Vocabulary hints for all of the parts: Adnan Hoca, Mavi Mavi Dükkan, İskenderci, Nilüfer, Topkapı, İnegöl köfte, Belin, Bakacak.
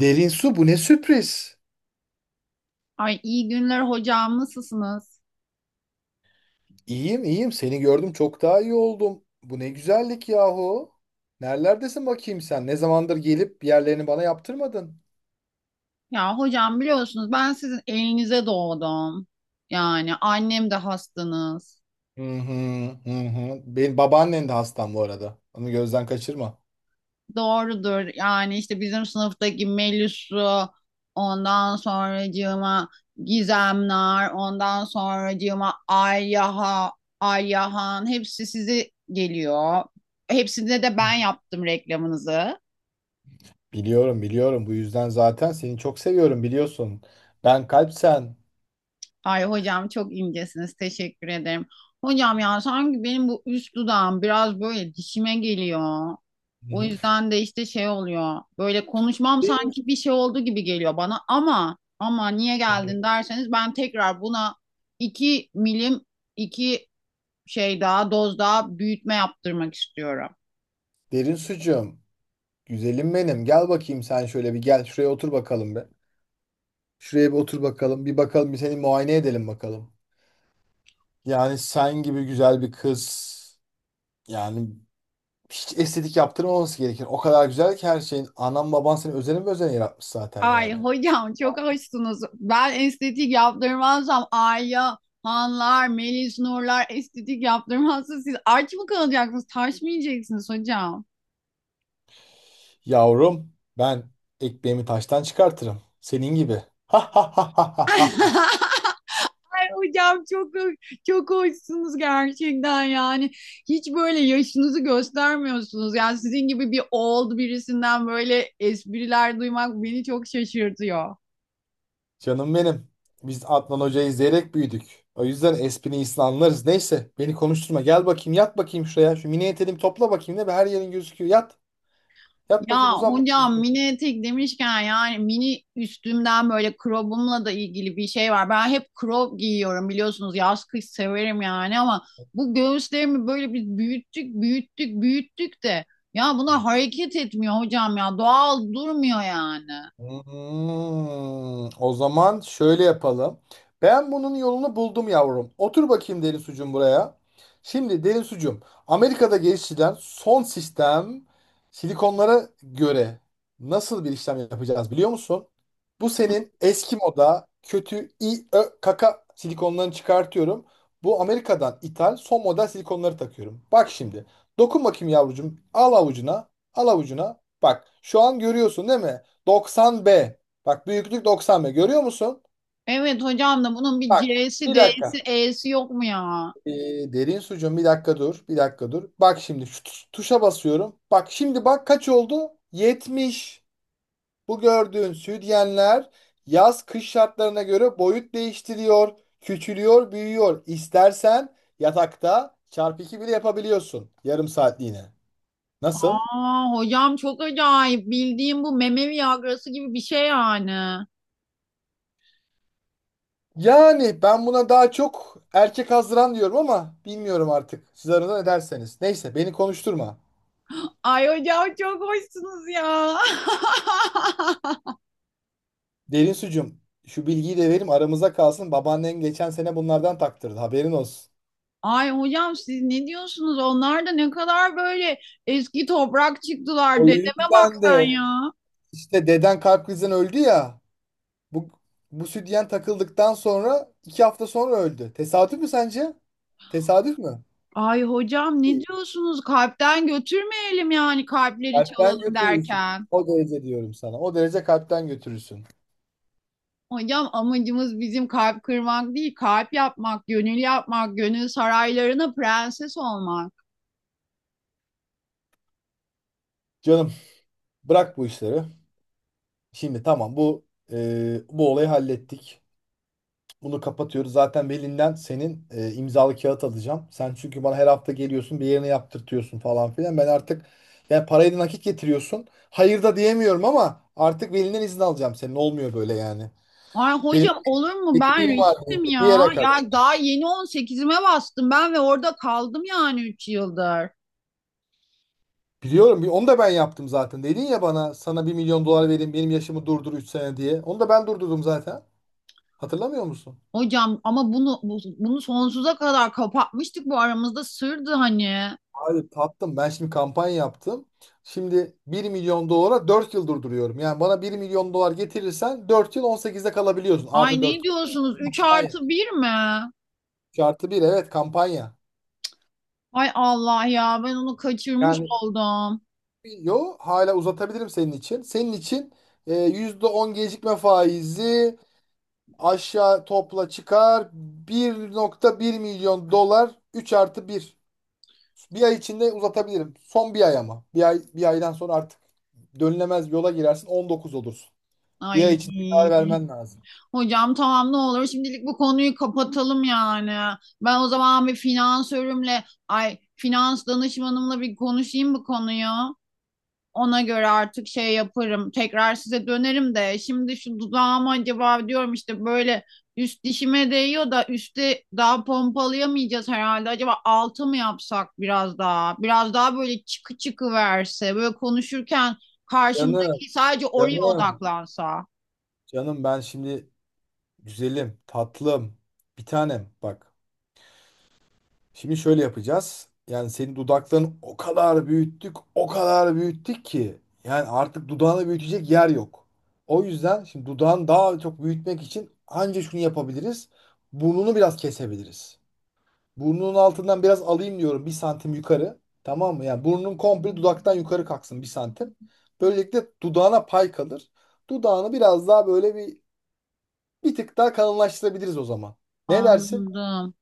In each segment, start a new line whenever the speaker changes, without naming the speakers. Derin su bu ne sürpriz.
Ay iyi günler hocam, nasılsınız?
İyiyim iyiyim seni gördüm çok daha iyi oldum. Bu ne güzellik yahu. Nerelerdesin bakayım sen? Ne zamandır gelip yerlerini bana yaptırmadın?
Ya hocam biliyorsunuz ben sizin elinize doğdum. Yani annem de hastanız.
Hı hı, hı hı. Benim babaannen de hastam bu arada. Onu gözden kaçırma.
Doğrudur. Yani işte bizim sınıftaki Melis'u ondan sonracığıma Gizemler ondan sonracığıma Alyaha, Ayyahan hepsi sizi geliyor. Hepsine de ben yaptım reklamınızı.
Biliyorum biliyorum bu yüzden zaten seni çok seviyorum biliyorsun. Ben kalp sen.
Ay hocam çok incesiniz. Teşekkür ederim. Hocam ya sanki benim bu üst dudağım biraz böyle dişime geliyor.
Hı
O
hı.
yüzden de işte şey oluyor. Böyle konuşmam
Derin,
sanki bir şey oldu gibi geliyor bana ama niye
hı,
geldin derseniz ben tekrar buna iki milim iki şey daha doz daha büyütme yaptırmak istiyorum.
derin sucuğum. Güzelim benim. Gel bakayım sen şöyle bir gel şuraya otur bakalım be. Şuraya bir otur bakalım. Bir bakalım bir seni muayene edelim bakalım. Yani sen gibi güzel bir kız, yani hiç estetik yaptırmaması gerekir. O kadar güzel ki her şeyin. Anan baban seni özelim özen yaratmış zaten
Ay
yani.
hocam çok hoşsunuz. Ben estetik yaptırmazsam Ayya, Hanlar, Melis Nurlar estetik yaptırmazsa siz aç mı kalacaksınız? Taş mı yiyeceksiniz hocam?
Yavrum ben ekmeğimi taştan çıkartırım. Senin gibi.
Ay hocam çok hoşsunuz gerçekten yani. Hiç böyle yaşınızı göstermiyorsunuz. Yani sizin gibi bir old birisinden böyle espriler duymak beni çok şaşırtıyor.
Canım benim. Biz Adnan Hoca'yı izleyerek büyüdük. O yüzden esprini iyisini anlarız. Neyse beni konuşturma. Gel bakayım yat bakayım şuraya. Şu mini eteğimi topla bakayım. Ne be her yerin gözüküyor. Yat. Yat
Ya
bakayım uzan
hocam
bakayım.
mini etek demişken yani mini üstümden böyle crobumla da ilgili bir şey var. Ben hep crop giyiyorum biliyorsunuz, yaz kış severim yani, ama bu göğüslerimi böyle biz büyüttük büyüttük büyüttük de ya bunlar hareket etmiyor hocam, ya doğal durmuyor yani.
O zaman şöyle yapalım. Ben bunun yolunu buldum yavrum. Otur bakayım derin sucum buraya. Şimdi derin sucum, Amerika'da geliştirilen son sistem silikonlara göre nasıl bir işlem yapacağız biliyor musun? Bu senin eski moda kötü i ö kaka silikonlarını çıkartıyorum. Bu Amerika'dan ithal son model silikonları takıyorum. Bak şimdi. Dokun bakayım yavrucuğum. Al avucuna. Al avucuna. Bak şu an görüyorsun değil mi? 90B. Bak büyüklük 90B. Görüyor musun?
Evet hocam, da bunun bir
Bak
C'si,
bir
D'si,
dakika.
E'si yok mu ya?
Ee, derin sucuğum bir dakika dur. Bir dakika dur. Bak şimdi şu tuşa basıyorum. Bak şimdi bak kaç oldu? 70. Bu gördüğün sütyenler yaz kış şartlarına göre boyut değiştiriyor. Küçülüyor, büyüyor. İstersen yatakta çarpı 2 bile yapabiliyorsun. Yarım saatliğine. Nasıl?
Aa hocam çok acayip, bildiğim bu meme Viagra'sı gibi bir şey yani.
Yani ben buna daha çok erkek hazıran diyorum ama bilmiyorum artık. Siz aranızda ne derseniz. Neyse beni konuşturma.
Ay hocam çok hoşsunuz ya.
Derin sucum şu bilgiyi de verim aramıza kalsın. Babaannen geçen sene bunlardan taktırdı haberin olsun.
Ay hocam siz ne diyorsunuz? Onlar da ne kadar böyle eski toprak çıktılar.
O
Dedeme bak
yüzden
sen
de
ya.
işte deden kalp krizinden öldü ya. Bu, bu sütyen takıldıktan sonra 2 hafta sonra öldü. Tesadüf mü sence? Tesadüf mü?
Ay hocam ne
Değil.
diyorsunuz? Kalpten götürmeyelim yani, kalpleri
Kalpten
çalalım
götürürsün.
derken.
O derece diyorum sana. O derece kalpten götürürsün.
Hocam amacımız bizim kalp kırmak değil, kalp yapmak, gönül yapmak, gönül saraylarına prenses olmak.
Canım, bırak bu işleri. Şimdi tamam bu bu olayı hallettik. Bunu kapatıyoruz. Zaten Belin'den senin imzalı kağıt alacağım. Sen çünkü bana her hafta geliyorsun bir yerine yaptırtıyorsun falan filan. Ben artık yani parayı da nakit getiriyorsun. Hayır da diyemiyorum ama artık Belin'den izin alacağım senin. Olmuyor böyle yani.
Ay
Benim
hocam olur mu, ben
ettiğim var benim
riştim
de bir
ya.
yere kadar.
Ya daha yeni 18'ime bastım ben ve orada kaldım yani 3 yıldır.
Biliyorum onu da ben yaptım zaten. Dedin ya bana sana 1 milyon dolar verin benim yaşımı durdur 3 sene diye. Onu da ben durdurdum zaten. Hatırlamıyor musun?
Hocam ama bunu sonsuza kadar kapatmıştık, bu aramızda sırdı hani.
Abi tattım. Ben şimdi kampanya yaptım. Şimdi 1 milyon dolara 4 yıl durduruyorum. Yani bana 1 milyon dolar getirirsen 4 yıl 18'de kalabiliyorsun.
Ay
Artı
ne
4
diyorsunuz, 3
kampanya.
artı bir mi?
3+1, evet, kampanya.
Ay Allah ya, ben onu kaçırmış
Yani
oldum.
yo hala uzatabilirim senin için. Senin için %10 gecikme faizi aşağı topla çıkar. 1,1 milyon dolar 3+1. Bir ay içinde uzatabilirim. Son bir ay ama. Bir ay, bir aydan sonra artık dönülemez yola girersin 19 olursun. Bir ay
Ay
içinde karar vermen lazım.
hocam tamam, ne olur şimdilik bu konuyu kapatalım yani. Ben o zaman bir finansörümle, ay, finans danışmanımla bir konuşayım bu konuyu. Ona göre artık şey yaparım. Tekrar size dönerim de şimdi şu dudağıma acaba diyorum, işte böyle üst dişime değiyor da üstte daha pompalayamayacağız herhalde. Acaba altı mı yapsak biraz daha? Biraz daha böyle çıkı çıkı verse. Böyle konuşurken
Canım,
karşımdaki sadece oraya
canım,
odaklansa.
canım ben şimdi güzelim, tatlım, bir tanem bak. Şimdi şöyle yapacağız. Yani senin dudaklarını o kadar büyüttük, o kadar büyüttük ki. Yani artık dudağını büyütecek yer yok. O yüzden şimdi dudağını daha çok büyütmek için anca şunu yapabiliriz. Burnunu biraz kesebiliriz. Burnunun altından biraz alayım diyorum 1 santim yukarı. Tamam mı? Yani burnun komple dudaktan yukarı kalksın 1 santim. Böylelikle dudağına pay kalır. Dudağını biraz daha böyle bir tık daha kalınlaştırabiliriz o zaman. Ne dersin?
Anladım.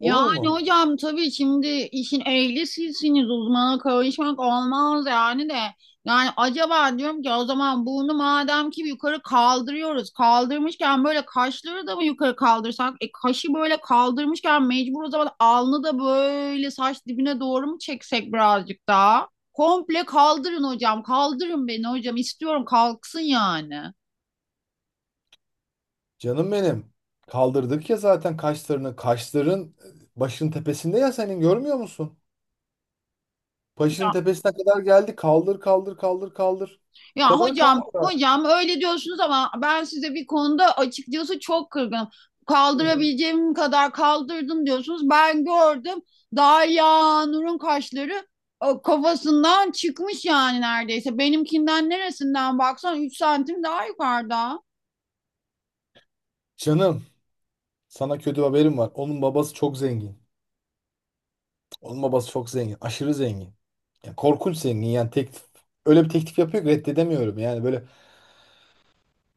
Yani
Olur mu?
hocam tabii şimdi işin ehli sizsiniz, uzmana karışmak olmaz yani de. Yani acaba diyorum ki o zaman bunu madem ki yukarı kaldırıyoruz. Kaldırmışken böyle kaşları da mı yukarı kaldırsak? E kaşı böyle kaldırmışken mecbur o zaman alnı da böyle saç dibine doğru mu çeksek birazcık daha? Komple kaldırın hocam. Kaldırın beni hocam. İstiyorum kalksın yani.
Canım benim. Kaldırdık ya zaten kaşlarını. Kaşların başının tepesinde ya senin, görmüyor musun? Başının tepesine kadar geldi. Kaldır kaldır kaldır kaldır. Bu
Ya
kadar
hocam,
kaldır
hocam öyle diyorsunuz ama ben size bir konuda açıkçası çok kırgınım.
artık.
Kaldırabileceğim kadar kaldırdım diyorsunuz. Ben gördüm, Derya Nur'un kaşları kafasından çıkmış yani neredeyse. Benimkinden neresinden baksan 3 santim daha yukarıda.
Canım, sana kötü haberim var. Onun babası çok zengin. Onun babası çok zengin. Aşırı zengin. Yani korkunç zengin. Yani teklif öyle bir teklif yapıyor ki reddedemiyorum. Yani böyle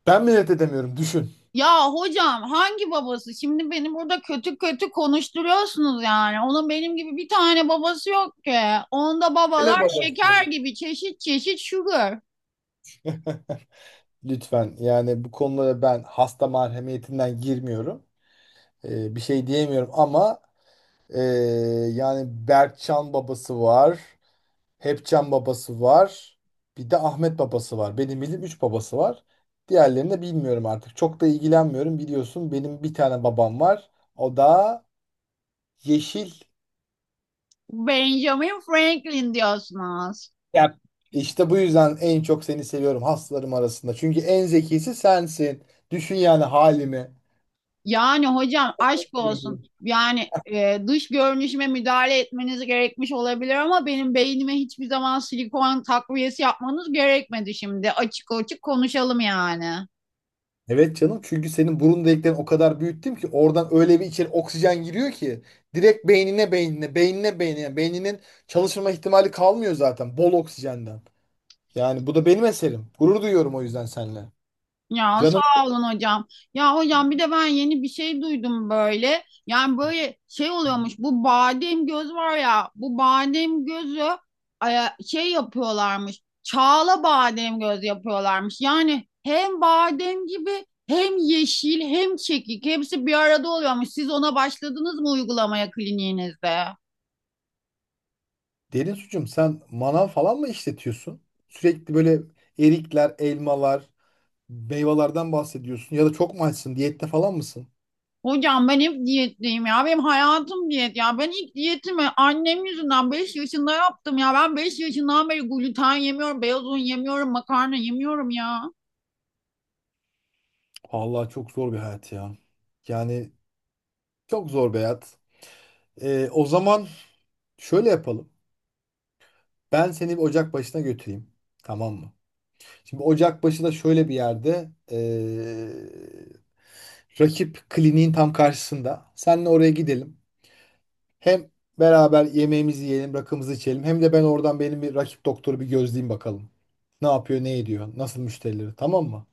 ben mi reddedemiyorum düşün.
Ya hocam hangi babası? Şimdi beni burada kötü kötü konuşturuyorsunuz yani. Onun benim gibi bir tane babası yok ki. Onda
Hele
babalar
babası.
şeker gibi, çeşit çeşit sugar.
Lütfen yani bu konulara ben hasta merhemiyetinden girmiyorum. Bir şey diyemiyorum ama ee, yani Berkcan babası var. Hepcan babası var. Bir de Ahmet babası var. Benim bildiğim 3 babası var. Diğerlerini de bilmiyorum artık. Çok da ilgilenmiyorum biliyorsun. Benim bir tane babam var. O da Yeşil.
Benjamin Franklin diyorsunuz.
Ya işte bu yüzden en çok seni seviyorum hastalarım arasında. Çünkü en zekisi sensin. Düşün yani halimi.
Yani hocam aşk olsun. Yani dış görünüşüme müdahale etmeniz gerekmiş olabilir ama benim beynime hiçbir zaman silikon takviyesi yapmanız gerekmedi şimdi. Açık açık konuşalım yani.
Evet canım, çünkü senin burun deliklerini o kadar büyüttüm ki oradan öyle bir içeri oksijen giriyor ki direkt beynine beynine beynine beynine beyninin çalışma ihtimali kalmıyor zaten bol oksijenden. Yani bu da benim eserim. Gurur duyuyorum o yüzden seninle.
Ya
Canım
sağ olun hocam. Ya hocam bir de ben yeni bir şey duydum böyle. Yani böyle şey oluyormuş. Bu badem göz var ya. Bu badem gözü şey yapıyorlarmış. Çağla badem göz yapıyorlarmış. Yani hem badem gibi, hem yeşil, hem çekik, hepsi bir arada oluyormuş. Siz ona başladınız mı uygulamaya kliniğinizde?
derin suçum, sen manav falan mı işletiyorsun? Sürekli böyle erikler, elmalar. Meyvelerden bahsediyorsun ya da çok mu açsın? Diyette falan mısın?
Hocam ben hep diyetteyim ya. Benim hayatım diyet ya. Ben ilk diyetimi annem yüzünden 5 yaşında yaptım ya. Ben 5 yaşından beri gluten yemiyorum, beyaz un yemiyorum, makarna yemiyorum ya.
Vallahi çok zor bir hayat ya. Yani çok zor bir hayat. O zaman şöyle yapalım. Ben seni bir ocak başına götüreyim. Tamam mı? Şimdi ocak başı da şöyle bir yerde rakip kliniğin tam karşısında. Seninle oraya gidelim. Hem beraber yemeğimizi yiyelim, rakımızı içelim. Hem de ben oradan benim bir rakip doktoru bir gözleyeyim bakalım. Ne yapıyor, ne ediyor, nasıl müşterileri, tamam mı?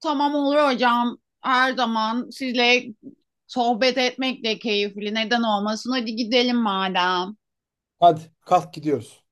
Tamam olur hocam. Her zaman sizle sohbet etmek de keyifli. Neden olmasın? Hadi gidelim madem.
Hadi kalk gidiyoruz.